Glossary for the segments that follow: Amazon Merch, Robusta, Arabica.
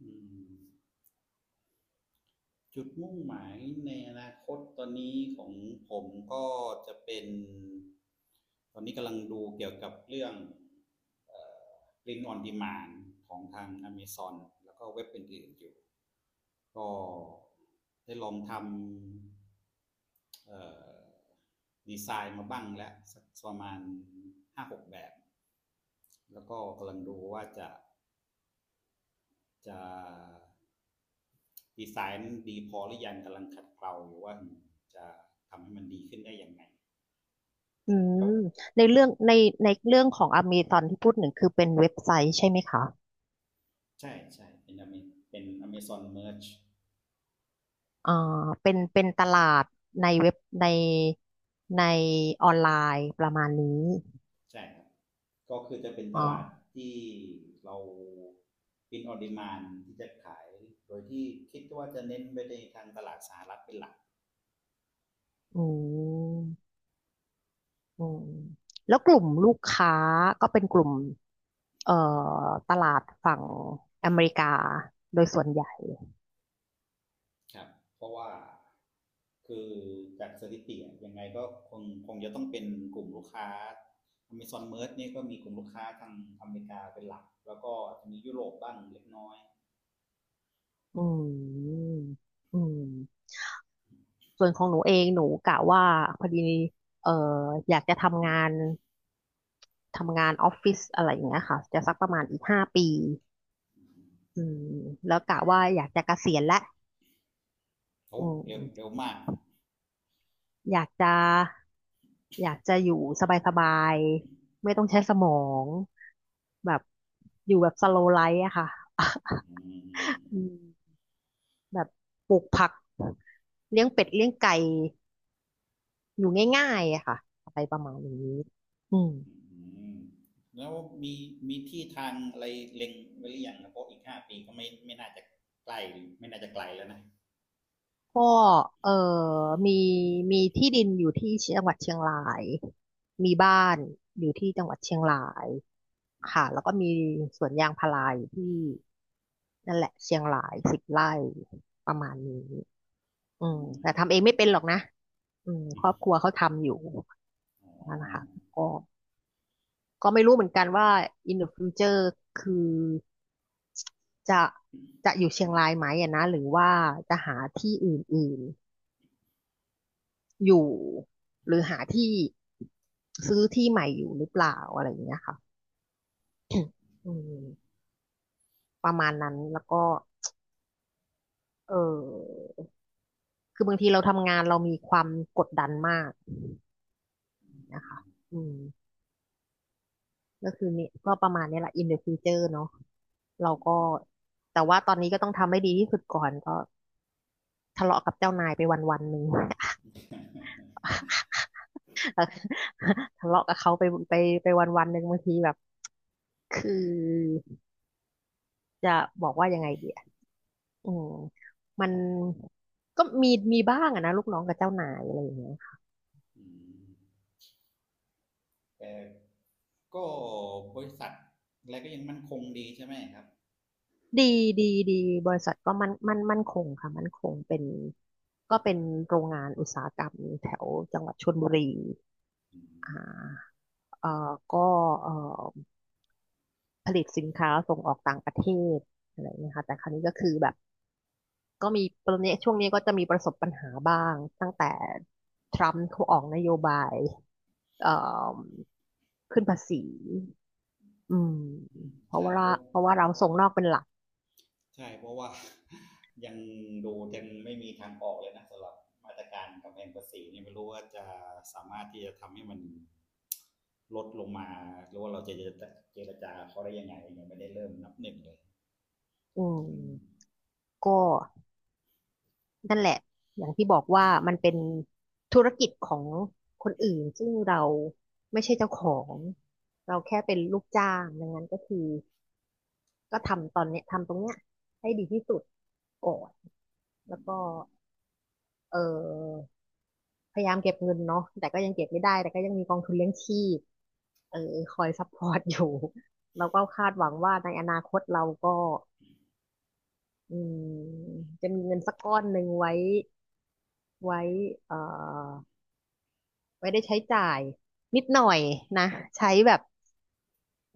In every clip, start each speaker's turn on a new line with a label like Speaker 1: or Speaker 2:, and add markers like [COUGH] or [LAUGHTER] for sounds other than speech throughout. Speaker 1: อืมจุดมุ่งหมายในอนาคตตอนนี้ของผมก็จะเป็นตอนนี้กำลังดูเกี่ยวกับเรื่องเอ่อ Print on Demand ของทาง Amazon แล้วก็เว็บอื่นๆอยู่ก็ได้ลองทำอดีไซน์มาบ้างแล้วสักประมาณห้าหกแบบแล้วก็กำลังดูว่าจะ ดีไซน์นั้นดีพอหรือยังกำลังขัดเกลาอยู่ว่าจะทำให้มันดีขึ้นได้อย่างไร
Speaker 2: อื
Speaker 1: ก็
Speaker 2: มในเรื่องในเรื่องของอเมซอนที่พูดหนึ่งคือเป็นเว็บไซต์ใช่ไหมคะ
Speaker 1: ใช่ใช่เป็น เป็น Amazon Merch
Speaker 2: อ่าเป็นตลาดในเว็บในในออนไลน์ประมาณนี้
Speaker 1: ใช่ครับก็คือจะเป็นต
Speaker 2: อ่
Speaker 1: ลาด
Speaker 2: า
Speaker 1: ที่เราเป็นออดิมานที่จะขายโดยที่คิดว่าจะเน้นไปในทางตลาดสหรัฐเป็นหลัก
Speaker 2: อืมอืมแล้วกลุ่มลูกค้าก็เป็นกลุ่มเอ่อตลาดฝั่งอเมริกาโดยส่วนใหญ่
Speaker 1: ครับเพราะว่าคือจากสถิติอยยังไงก็คงจะต้องเป็นกลุ่มลูกค้า Amazon Merch เนี่ยก็มีกลุ่มลูกค้าทางอเมริกาเป็นหลักแล้วก็จะมียุโรปบ้างเล็กน้อย
Speaker 2: อืมอืมส่วนของหนูเองหนูกะว่าพอดีเอ่ออยากจะทำงาน ทำงานออฟฟิศอะไรอย่างเงี้ยค่ะจะสักประมาณอีก5 ปีอืมแล้วกะว่าอยากจะเกษียณแล้ว
Speaker 1: โอ้
Speaker 2: อื
Speaker 1: เร็วเร็
Speaker 2: ม
Speaker 1: วมาก
Speaker 2: อยากจะอยากจะอยู่สบายๆไม่ต้องใช้สมองแบบอยู่แบบสโลไลฟ์อะค่ะ
Speaker 1: อืม
Speaker 2: [LAUGHS] อืมแบบปลูกผักเลี้ยงเป็ดเลี้ยงไก่อยู่ง่ายๆอะค่ะอะไรประมาณนี้อืม
Speaker 1: อืมแล้วมีมีที่ทางอะไรเล็งไว้หรือยังนะเพราะอีก5 ปีก็ไม่น่าจะใกล้ไม่น่าจะไกลแล้วนะ
Speaker 2: ก็เออมีมีที่ดินอยู่ที่จังหวัดเชียงรายมีบ้านอยู่ที่จังหวัดเชียงรายค่ะแล้วก็มีสวนยางพาราอยู่ที่นั่นแหละเชียงราย10 ไร่ประมาณนี้อื
Speaker 1: อื
Speaker 2: มแต่
Speaker 1: ม
Speaker 2: ทำเองไม่เป็นหรอกนะอืมครอบครัวเขาทำอยู่
Speaker 1: อ๋
Speaker 2: นั่นนะคะ
Speaker 1: อ
Speaker 2: ก็ก็ไม่รู้เหมือนกันว่า in the future คือจะจะอยู่เชียงรายไหมอะนะหรือว่าจะหาที่อื่น อยู่หรือหาที่ซื้อที่ใหม่อยู่หรือเปล่าอะไรอย่างเงี้ยค่ะอืมประมาณนั้นแล้วก็เออคือบางทีเราทำงานเรามีความกดดันมาก
Speaker 1: อ
Speaker 2: นะคะอืมก็คือนี่ก็ประมาณนี้แหละ in the future เนาะเรา
Speaker 1: อื
Speaker 2: ก็
Speaker 1: ม
Speaker 2: แต่ว่าตอนนี้ก็ต้องทำให้ดีที่สุดก่อนก็ทะเลาะกับเจ้านายไปวันวันหนึ่ง [LAUGHS] ทะเลาะกับเขาไปไปวันวันหนึ่งบางทีแบบคือจะบอกว่ายังไงดี อืมมันมีบ้างอะนะลูกน้องกับเจ้านายอะไรอย่างเงี้ยค่ะ
Speaker 1: อืม [LAUGHS] แต่ก็บริษัทอะไรก็ยังมั่นคงดีใช่ไหมครับ
Speaker 2: ดีดีดีบริษัทก็มันมั่นคงค่ะมันคงเป็นเป็นโรงงานอุตสาหกรรมแถวจังหวัดชลบุรี
Speaker 1: อื
Speaker 2: อ่
Speaker 1: ม
Speaker 2: าก็เอ่อผลิตสินค้าส่งออกต่างประเทศอะไรเงี้ยค่ะแต่คราวนี้ก็คือแบบก็มีตอนนี้ช่วงนี้ก็จะมีประสบปัญหาบ้างตั้งแต่ทรัมป์เขาออกนโยบายเอ่อขึ้นภาษี อืม
Speaker 1: อืม
Speaker 2: เพราะ
Speaker 1: ใช่
Speaker 2: ว่าเรา
Speaker 1: เพราะ
Speaker 2: พราะว่า
Speaker 1: [LAUGHS]
Speaker 2: เราส่งนอกเป็นหลัก
Speaker 1: ใช่เพราะว่า [LAUGHS] ยังดูยังไม่มีทางออกเลยนะสำหรับมาตรการกำแพงภาษีเนี่ยไม่รู้ว่าจะสามารถที่จะทำให้มันลดลงมาหรือว่าเราจะเจรจาเขาได้ยังไงยังไม่ได้เริ่มนับหนึ่งเลย
Speaker 2: อื
Speaker 1: อื
Speaker 2: ม
Speaker 1: ม
Speaker 2: ก็นั่นแหละอย่างที่บอกว่ามันเป็นธุรกิจของคนอื่นซึ่งเราไม่ใช่เจ้าของเราแค่เป็นลูกจ้างดังนั้นก็คือก็ทำตอนเนี้ยทำตรงเนี้ยให้ดีที่สุดก่อน
Speaker 1: อื
Speaker 2: แล้วก็
Speaker 1: ม
Speaker 2: เออพยายามเก็บเงินเนาะแต่ก็ยังเก็บไม่ได้แต่ก็ยังมีกองทุนเลี้ยงชีพเออคอยซัพพอร์ตอยู่ [LAUGHS] แล้วก็คาดหวังว่าในอนาคตเราก็ อืมจะมีเงินสักก้อนหนึ่งไว้เอ่อไว้ได้ใช้จ่ายนิดหน่อยนะใช้แบบ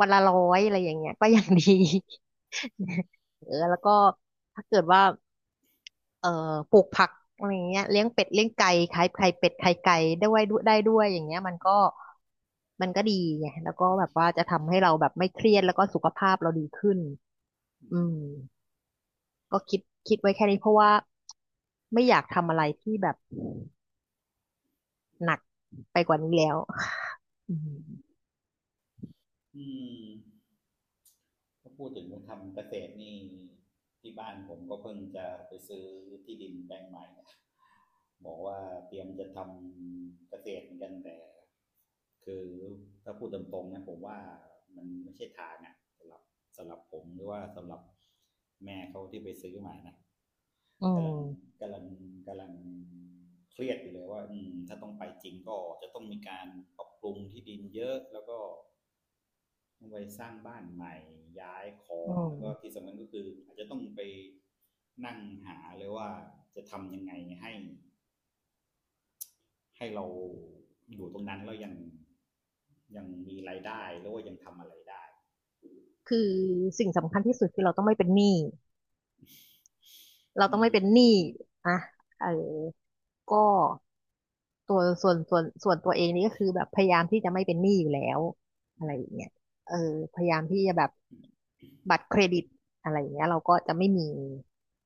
Speaker 2: วันละ 100อะไรอย่างเงี้ยก็ยังดี [LAUGHS] เออแล้วก็ถ้าเกิดว่าเอ่อปลูกผักอะไรอย่างเงี้ยเลี้ยงเป็ดเลี้ยงไก่ขายไข่เป็ดไข่ไก่ได้ไว้ด้วยได้ด้วยอย่างเงี้ยมันมันก็ดีไงแล้วก็แบบว่าจะทำให้เราแบบไม่เครียดแล้วก็สุขภาพเราดีขึ้น
Speaker 1: อื
Speaker 2: อื
Speaker 1: ม
Speaker 2: ม ก็คิดไว้แค่นี้เพราะว่าไม่อยากทำอะไรที่แบบหนักไปกว่านี้แล้วอืม
Speaker 1: อืม ถ้าพูดถึงทำเกษตรนี่ที่บ้านผมก็เพิ่งจะไปซื้อที่ดินแปลงใหม่นะบอกว่าเตรียมจะทำเกษตรเหมือนกันแต่คือถ้าพูดตรงๆนะผมว่ามันไม่ใช่ทางอะสำหรับสำหรับผมหรือว่าสำหรับแม่เขาที่ไปซื้อมานะ
Speaker 2: อื
Speaker 1: กำลัง
Speaker 2: ม
Speaker 1: กำลังกำลังเครียดอยู่เลยว่าอืมถ้าต้องไปจริงก็จะต้องมีการปรับปรุงที่ดินเยอะแล้วก็ ต้องไปสร้างบ้านใหม่ย้ายขอ
Speaker 2: อื
Speaker 1: งแล้วก็
Speaker 2: ม
Speaker 1: ที่สำคัญก็คืออาจจะต้องไปนั่งหาเลยว่าจะทำยังไงให้ให้เราอยู่ตรงนั้นแล้วยังมีรายได้หรือว่ายังทำอะไรได้
Speaker 2: คือสิ่งสำคัญที่สุดคือเราต้องไม่เป็นหนี้เราต้องไม่เป็นหนี้อ่ะเออก็ตัวส่วนตัวเองนี่ก็คือแบบพยายามที่จะไม่เป็นหนี้อยู่แล้วอะไรอย่างเงี้ยเออพยายามที่จะแบบบัตรเครดิตอะไรอย่างเงี้ยเราก็จะไม่มี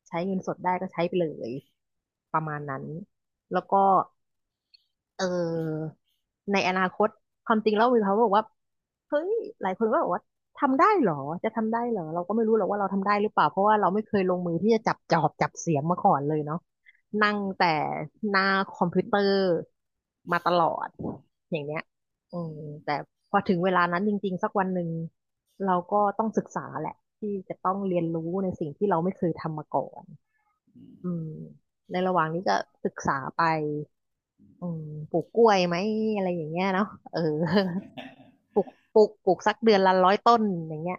Speaker 2: ใช้เงินสดได้ก็ใช้ไปเลยประมาณนั้นแล้วก็ เออในอนาคตความจริงแล้วมีเขาบอกว่าเฮ้ยหลายคนก็บอกว่าทำได้เหรอจะทำได้เหรอเราก็ไม่รู้หรอกว่าเราทำได้หรือเปล่าเพราะว่าเราไม่เคยลงมือที่จะจับจอบจับเสียมมาก่อนเลยเนาะ
Speaker 1: อื
Speaker 2: นั่ง
Speaker 1: ม
Speaker 2: แต่หน้าคอมพิวเตอร์มาตลอดอย่างเนี้ยอื
Speaker 1: อื
Speaker 2: ม
Speaker 1: ม
Speaker 2: แต่พอถึงเวลานั้นจริงๆสักวันหนึ่งเราก็ต้องศึกษาแหละที่จะต้องเรียนรู้ในสิ่งที่เราไม่เคยทำมาก่อน
Speaker 1: อื
Speaker 2: อืมในระหว่างนี้ก็ศึกษาไป
Speaker 1: ม
Speaker 2: อืมปลูกกล้วยไหมอะไรอย่างเงี้ยเนาะเออ [LAUGHS] ปลูกปลูกสักเดือนละ 100 ต้นอย่างเงี้ย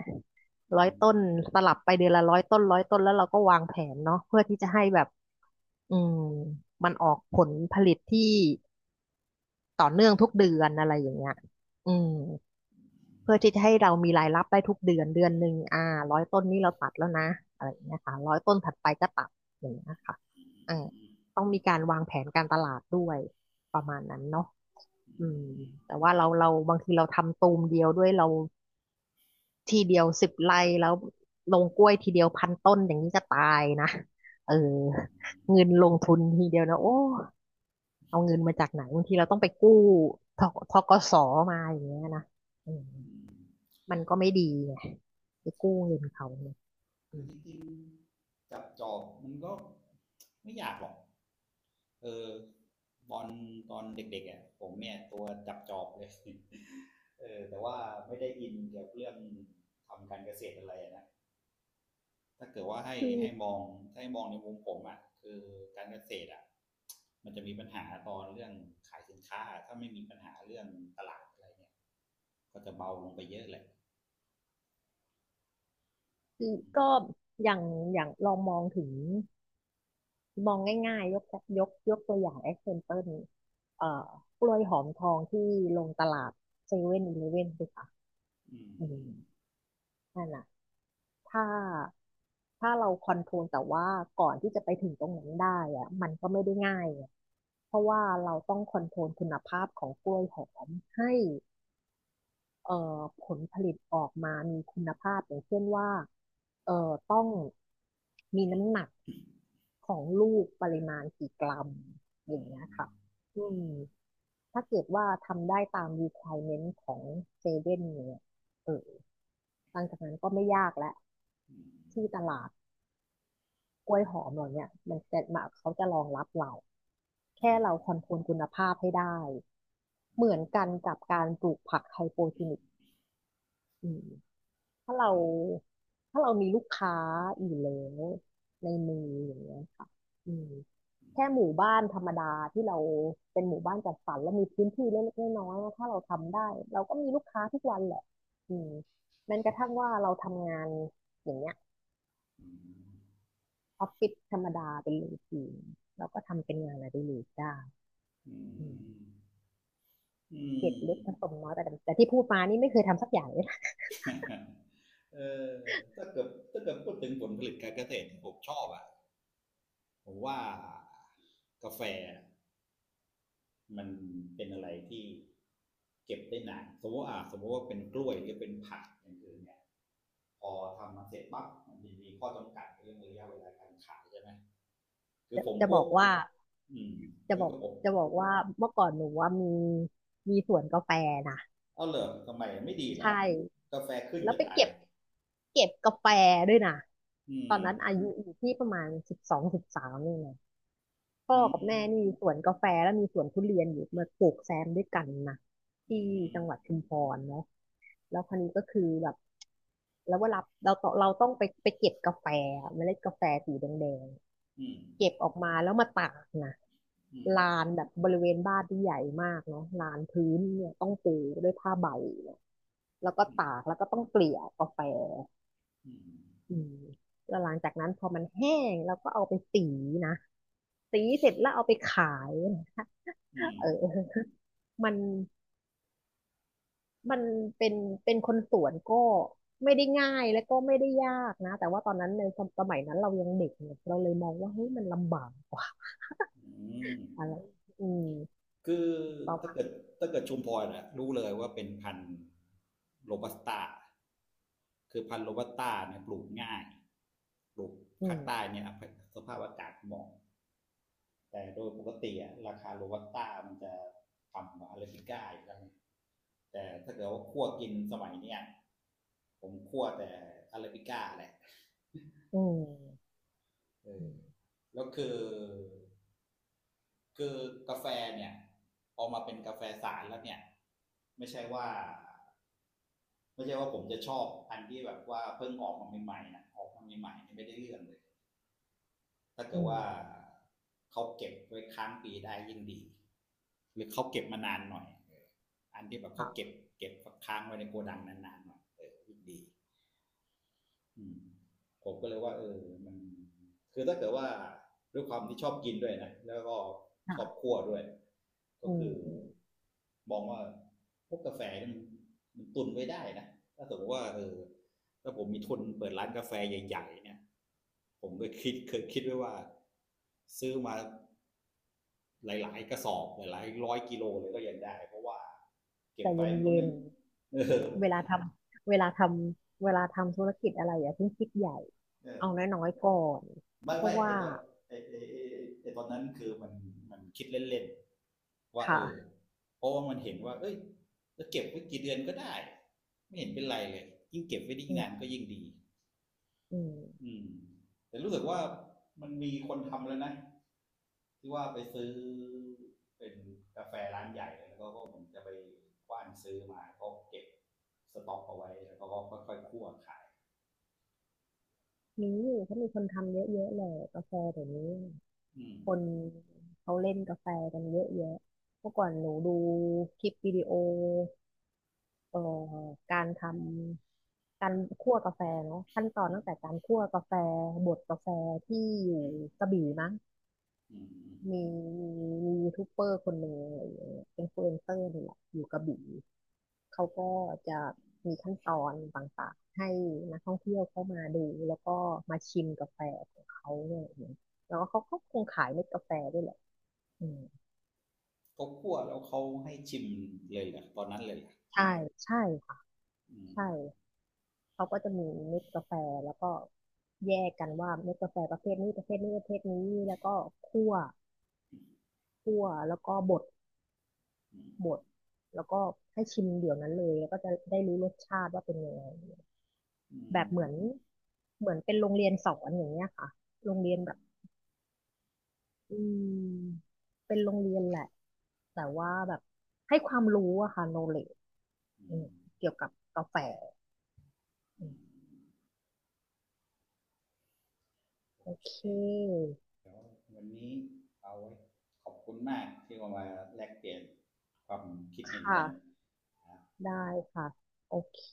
Speaker 1: อื
Speaker 2: ร้อย
Speaker 1: ม
Speaker 2: ต้
Speaker 1: อื
Speaker 2: น
Speaker 1: ม
Speaker 2: สลับไปเดือนละร้อยต้นร้อยต้นแล้วเราก็วางแผนเนาะเพื่อที่จะให้แบบอืมมันออกผลผลิตที่ต่อเนื่องทุกเดือนอะไรอย่างเงี้ยอืมเพื่อที่จะให้เรามีรายรับได้ทุกเดือนเดือนหนึ่งอ่าร้อยต้นนี้เราตัดแล้วนะอะไรอย่างเงี้ยค่ะร้อยต้นถัดไปก็ตัดอย่างเงี้ยค่ะ
Speaker 1: อื
Speaker 2: อ่า
Speaker 1: มอื
Speaker 2: ต้องมีการวางแผนการตลาดด้วยประมาณนั้นเนาะ อืม
Speaker 1: ม
Speaker 2: แต่ว่าเราบางทีเราทำตูมเดียวด้วยเราทีเดียว10 ไร่แล้วลงกล้วยทีเดียว1,000 ต้นอย่างนี้จะตายนะเออ
Speaker 1: อื
Speaker 2: เงิน
Speaker 1: ม
Speaker 2: ลงทุนทีเดียวนะโอ้เอาเงินมาจากไหนบางทีเราต้องไปกู้ทธกสมาอย่างเงี้ยนะอืมมันก็ไม่ดีไงไปกู้เงินเขาเนี่ยอื
Speaker 1: คือ
Speaker 2: ม
Speaker 1: จริงๆจับจอบมันก็ไม่อยากหรอกเออตอนตอนเด็กๆอ่ะผมเนี่ยตัวจับจอบเลย [LAUGHS] เออแต่ว่าไม่ได้อินเกี่ยวกับเรื่องทำการเกษตรอะไรนะถ้าเกิดว่าให้มองถ้าให้มองในมุมผมอ่ะคือการเกษตรอ่ะมันจะมีปัญหาตอนเรื่องขายสินค้าถ้าไม่มีปัญหาเรื่องตลาดอะไรเนี่ยก็จะเบาลงไปเยอะเลย
Speaker 2: คือ
Speaker 1: อื
Speaker 2: ก็
Speaker 1: ม
Speaker 2: อย่างอย่างลองมองถึง มองง่ายๆ ยกตัวอย่าง example เอ่อกล้วยหอมทองที่ลงตลาดเซเว่นอีเลฟเว่นสิคะ
Speaker 1: อืม
Speaker 2: อืมนั่นน่ะถ้าถ้าเราคอนโทรลแต่ว่าก่อนที่จะไปถึงตรงนั้นได้อะมันก็ไม่ได้ง่ายไงเพราะว่าเราต้องคอนโทรลคุณภาพของกล้วยหอมให้ ผลผลิตออกมามีคุณภาพอย่างเช่นว่าต้องมีน้ำหนักของลูกปริมาณกี่กรัม
Speaker 1: อื
Speaker 2: อย่างเงี้ย
Speaker 1: ม
Speaker 2: ค่ะอื
Speaker 1: อื
Speaker 2: ม
Speaker 1: ม
Speaker 2: ถ้าเกิดว่าทำได้ตาม requirement ของเซเว่นเนี่ยเออหลังจากนั้นก็ไม่ยากแล้ว
Speaker 1: อืม
Speaker 2: ที่ตลาดกล้วยหอมเราเนี่ยมันจะมาเขาจะรองรับเราแค่
Speaker 1: อ๋อ
Speaker 2: เราคอนโทรลคุณภาพให้ได้
Speaker 1: อื
Speaker 2: เหมือนกัน
Speaker 1: ม
Speaker 2: กับการปลูกผักไฮโปรจีนิกอืม ถ้าเรา
Speaker 1: อืม
Speaker 2: ถ้าเรามีลูกค้าอยู่แล้วในมืออย่างเงี้ยค่ะอืมแค่หมู่บ้านธรรมดาที่เราเป็นหมู่บ้านจัดสรรแล้วมีพื้นที่เล็กๆน้อยๆนะถ้าเราทำได้เราก็มีลูกค้าทุกวันแหละอืมแม้กระทั่งว่าเราทำงานอย่างเงี้ย
Speaker 1: อืมอืม
Speaker 2: ออฟฟิศธรรมดาเป็นรูทีนเราก็ทำเป็นงานอดิเรกได้
Speaker 1: อื
Speaker 2: อื
Speaker 1: ม
Speaker 2: ม
Speaker 1: อืม
Speaker 2: เก็บ
Speaker 1: [LAUGHS] อื
Speaker 2: เล็กผส
Speaker 1: ม
Speaker 2: มน้อยแต่ที่พูดมานี่ไม่เคยทำสักอย่างเลยนะ
Speaker 1: เออถ้าเกิดพูดถึงผลผลิตการเกษตรเนี่ยผมชอบอ่ะผมว่ากาแฟมันเป็นอะไรที่เก็บได้นานสมมติว่าอ่ะสมมติว่าเป็นกล้วยหรือเป็นผักอย่างอื่นเนี่ยพอทำมาเสร็จปั๊บมันจะมีข้อจำกัดเรื่องระยะเวลาการขายใช่ไหมคือ
Speaker 2: จะ
Speaker 1: ผม
Speaker 2: จะ
Speaker 1: พ
Speaker 2: บ
Speaker 1: ว
Speaker 2: อ
Speaker 1: ก
Speaker 2: กว่า
Speaker 1: อืม
Speaker 2: จะ
Speaker 1: คื
Speaker 2: บ
Speaker 1: อ
Speaker 2: อก
Speaker 1: ก็ผม
Speaker 2: จะบอกว่าเมื่อก่อนหนูว่ามีสวนกาแฟนะ
Speaker 1: เอาเหรอทำไมไม่ดีเหรอ
Speaker 2: ใช่
Speaker 1: กาแฟขึ้น
Speaker 2: แล้ว
Speaker 1: จะ
Speaker 2: ไป
Speaker 1: ตา
Speaker 2: เก็
Speaker 1: ย
Speaker 2: บเก็บกาแฟด้วยนะ
Speaker 1: อื
Speaker 2: ตอน
Speaker 1: ม
Speaker 2: นั้นอายุอยู่ที่ประมาณ12, 13นี่ไง พ่
Speaker 1: อื
Speaker 2: อกับ
Speaker 1: ม
Speaker 2: แม่นี่มีสวนกาแฟแล้วมีสวนทุเรียนอยู่มาปลูกแซมด้วยกันนะ
Speaker 1: อื
Speaker 2: ที่
Speaker 1: ม
Speaker 2: จังหวัดชุมพรเนาะแล้วคราวนี้ก็คือแบบแล้วเวลาเราต้องไปเก็บกาแฟอะเมล็ดกาแฟสีแดง
Speaker 1: อืม
Speaker 2: ๆเก็บออกมาแล้วมาตากนะ
Speaker 1: อืม
Speaker 2: ลานแบบบริเวณบ้านที่ใหญ่มากเนาะลานพื้นเนี่ยต้องปูด้วยผ้าใบเนี่ยแล้วก็
Speaker 1: อืม
Speaker 2: ตากแล้วก็ต้องเกลี่ยกาแฟ
Speaker 1: อืม
Speaker 2: อืมแล้วหลังจากนั้นพอมันแห้งเราก็เอาไปสีนะสีเสร็จแล้วเอาไปขาย
Speaker 1: อืม
Speaker 2: เออ [LAUGHS] มันมันเป็นเป็นคนสวนก็ไม่ได้ง่ายและก็ไม่ได้ยากนะแต่ว่าตอนนั้นในสมัยนั้นเรายังเด็กเนี่ยเราเลยมองว่าเฮ้ยมันลำบากกว่า
Speaker 1: อืม
Speaker 2: อะไรอืม
Speaker 1: คือ
Speaker 2: ประ
Speaker 1: ถ้า
Speaker 2: มา
Speaker 1: เกิด
Speaker 2: ณ
Speaker 1: ถ้าเกิดชุมพรนะรู้เลยว่าเป็นพันธุ์โรบัสต้าคือพันธุ์โรบัสต้าเนี่ยปลูกง่ายปลูก
Speaker 2: อื
Speaker 1: ภาคใต้
Speaker 2: ม
Speaker 1: เนี่ยสภาพอากาศเหมาะ แต่โดยปกติอะราคาโรบัสต้ามันจะต่ำกว่าอาราบิก้าอยู่แล้วแต่ถ้าเกิดว่าคั่วกินสมัยเนี้ยผมคั่วแต่อาราบิก้าแหละ
Speaker 2: อืม
Speaker 1: เอ
Speaker 2: อื
Speaker 1: อ
Speaker 2: ม
Speaker 1: แล้วคือคือกาแฟเนี่ยพอมาเป็นกาแฟสารแล้วเนี่ยไม่ใช่ว่าไม่ใช่ว่าผมจะชอบอันที่แบบว่าเพิ่งออกมาใหม่ๆนะออกมาใหม่ๆนี่ไม่ได้เรื่องเลยถ้าเกิ
Speaker 2: อื
Speaker 1: ด
Speaker 2: ม
Speaker 1: ว่าเขาเก็บไว้ค้างปีได้ยิ่งดี หรือเขาเก็บมานานหน่อย อันที่แบบเขาเก็บ
Speaker 2: ค่ะ
Speaker 1: เก็บค้างไว้ในโกดังนานๆหน่อยเออดีผมก็เลยว่าเออมันคือถ้าเกิดว่าด้วยความที่ชอบกินด้วยนะแล้วก็ชอบ
Speaker 2: ค่ะ
Speaker 1: คั่วด้วย ก็
Speaker 2: อื
Speaker 1: คื
Speaker 2: ม
Speaker 1: อ
Speaker 2: อืม
Speaker 1: มองว่าพวกกาแฟมันมันตุนไว้ได้นะถ้าสมมติว่าเออถ้าผมมีทุนเปิดร้านกาแฟใหญ่ๆเนี่ยผมเคยคิดไว้ว่าซื้อมา หลายๆกระสอบหลายร้อยกิโลเลยก็ยังได้เพราะว่าเก็บ
Speaker 2: แต่
Speaker 1: ไว้
Speaker 2: เย็น
Speaker 1: มันก็
Speaker 2: เย็
Speaker 1: ไม่
Speaker 2: น
Speaker 1: [LAUGHS] เออ
Speaker 2: เวลาทำเวลาทเวลาทำธุรกิจอะไรอย่าเพิ่งคิดใหญ่
Speaker 1: เออ
Speaker 2: เอาน้อยๆก่อน
Speaker 1: ไม่
Speaker 2: เพ
Speaker 1: ไม่
Speaker 2: ราะ
Speaker 1: ไอ
Speaker 2: ว่า
Speaker 1: ตอนไอไอไอ้ไอ้ตอนนั้นคือมันมันคิดเล่นๆว่าเออ
Speaker 2: ค่ะ
Speaker 1: เพราะว่ามันเห็นว่าเอ้ยจะเก็บไว้กี่เดือนก็ได้ไม่เห็นเป็นไรเลยยิ่งเก็บไว้ได้ยิ่ง
Speaker 2: อื
Speaker 1: นาน
Speaker 2: ม
Speaker 1: ก็ยิ่งดี
Speaker 2: อืม
Speaker 1: อืมแต่รู้สึกว่ามันมีคนทำแล้วนะที่ว่าไปซื้อเป็นกาแฟร้านใหญ่แล้วก็ผมจะไปกว้านซื้อมาก็เก็บสต็อกเอาไว้แล้วก็ค่อยๆคั่วขาย
Speaker 2: มีเขามีคนทำเยอะๆเลยกาแฟเดี๋ยวนี้
Speaker 1: อืม
Speaker 2: คนเขาเล่นกาแฟกันเยอะแยะเมื่อก่อนหนูดูคลิปวิดีโอเอ่อการทำการคั่วกาแฟเนาะขั้นตอนตั้งแต่การคั่วกาแฟบดกาแฟที่อยู่กระบี่มั้ง
Speaker 1: อืม
Speaker 2: มีมีมียูทูบเบอร์คนหนึ่งอะไรอย่างเงี้ยเป็นอินฟลูเอนเซอร์นี่แหละอยู่กระบี่เขาก็จะมีขั้นตอนต่างๆให้นักท่องเที่ยวเข้ามาดูแล้วก็มาชิมกาแฟของเขาเนี่ยอย่างเงี้ยแล้วก็เขาก็คงขายเม็ดกาแฟด้วยแหละอืม
Speaker 1: เขาคั่วแล้วเขาให้ชิมเลยเหรอตอนนั้นเลยเหรอ
Speaker 2: ใช่ใช่ค่ะ
Speaker 1: อืม
Speaker 2: ใช่เขาก็จะมีเม็ดกาแฟแล้วก็แยกกันว่าเม็ดกาแฟประเภทนี้ประเภทนี้ประเภทนี้แล้วก็คั่วคั่วแล้วก็บด
Speaker 1: อื
Speaker 2: บด
Speaker 1: ม
Speaker 2: แล้วก็ให้ชิมเดี๋ยวนั้นเลยแล้วก็จะได้รู้รสชาติว่าเป็นยังไง
Speaker 1: อื
Speaker 2: แบบเห
Speaker 1: ม
Speaker 2: มือนเหมือนเป็นโรงเรียนสอนอย่างเงี้ยค่ะโรงเรี
Speaker 1: อื
Speaker 2: ยนแบบ
Speaker 1: ม
Speaker 2: อืมเป็นโรงเรียนแหละแต่ว่าแบบให้ความรู้อะค่ะ knowledge
Speaker 1: อื
Speaker 2: อืม
Speaker 1: ม
Speaker 2: เกี่ยวกับกาแฟอื
Speaker 1: อื
Speaker 2: ม
Speaker 1: ม โอ
Speaker 2: โอเค
Speaker 1: เคเดี๋ยววันนี้เอาไว้ขอบคุณมากที่มาแลกเปลี่ยนความคิดเห็น
Speaker 2: ค่ะ
Speaker 1: กัน
Speaker 2: ได้ค่ะโอเค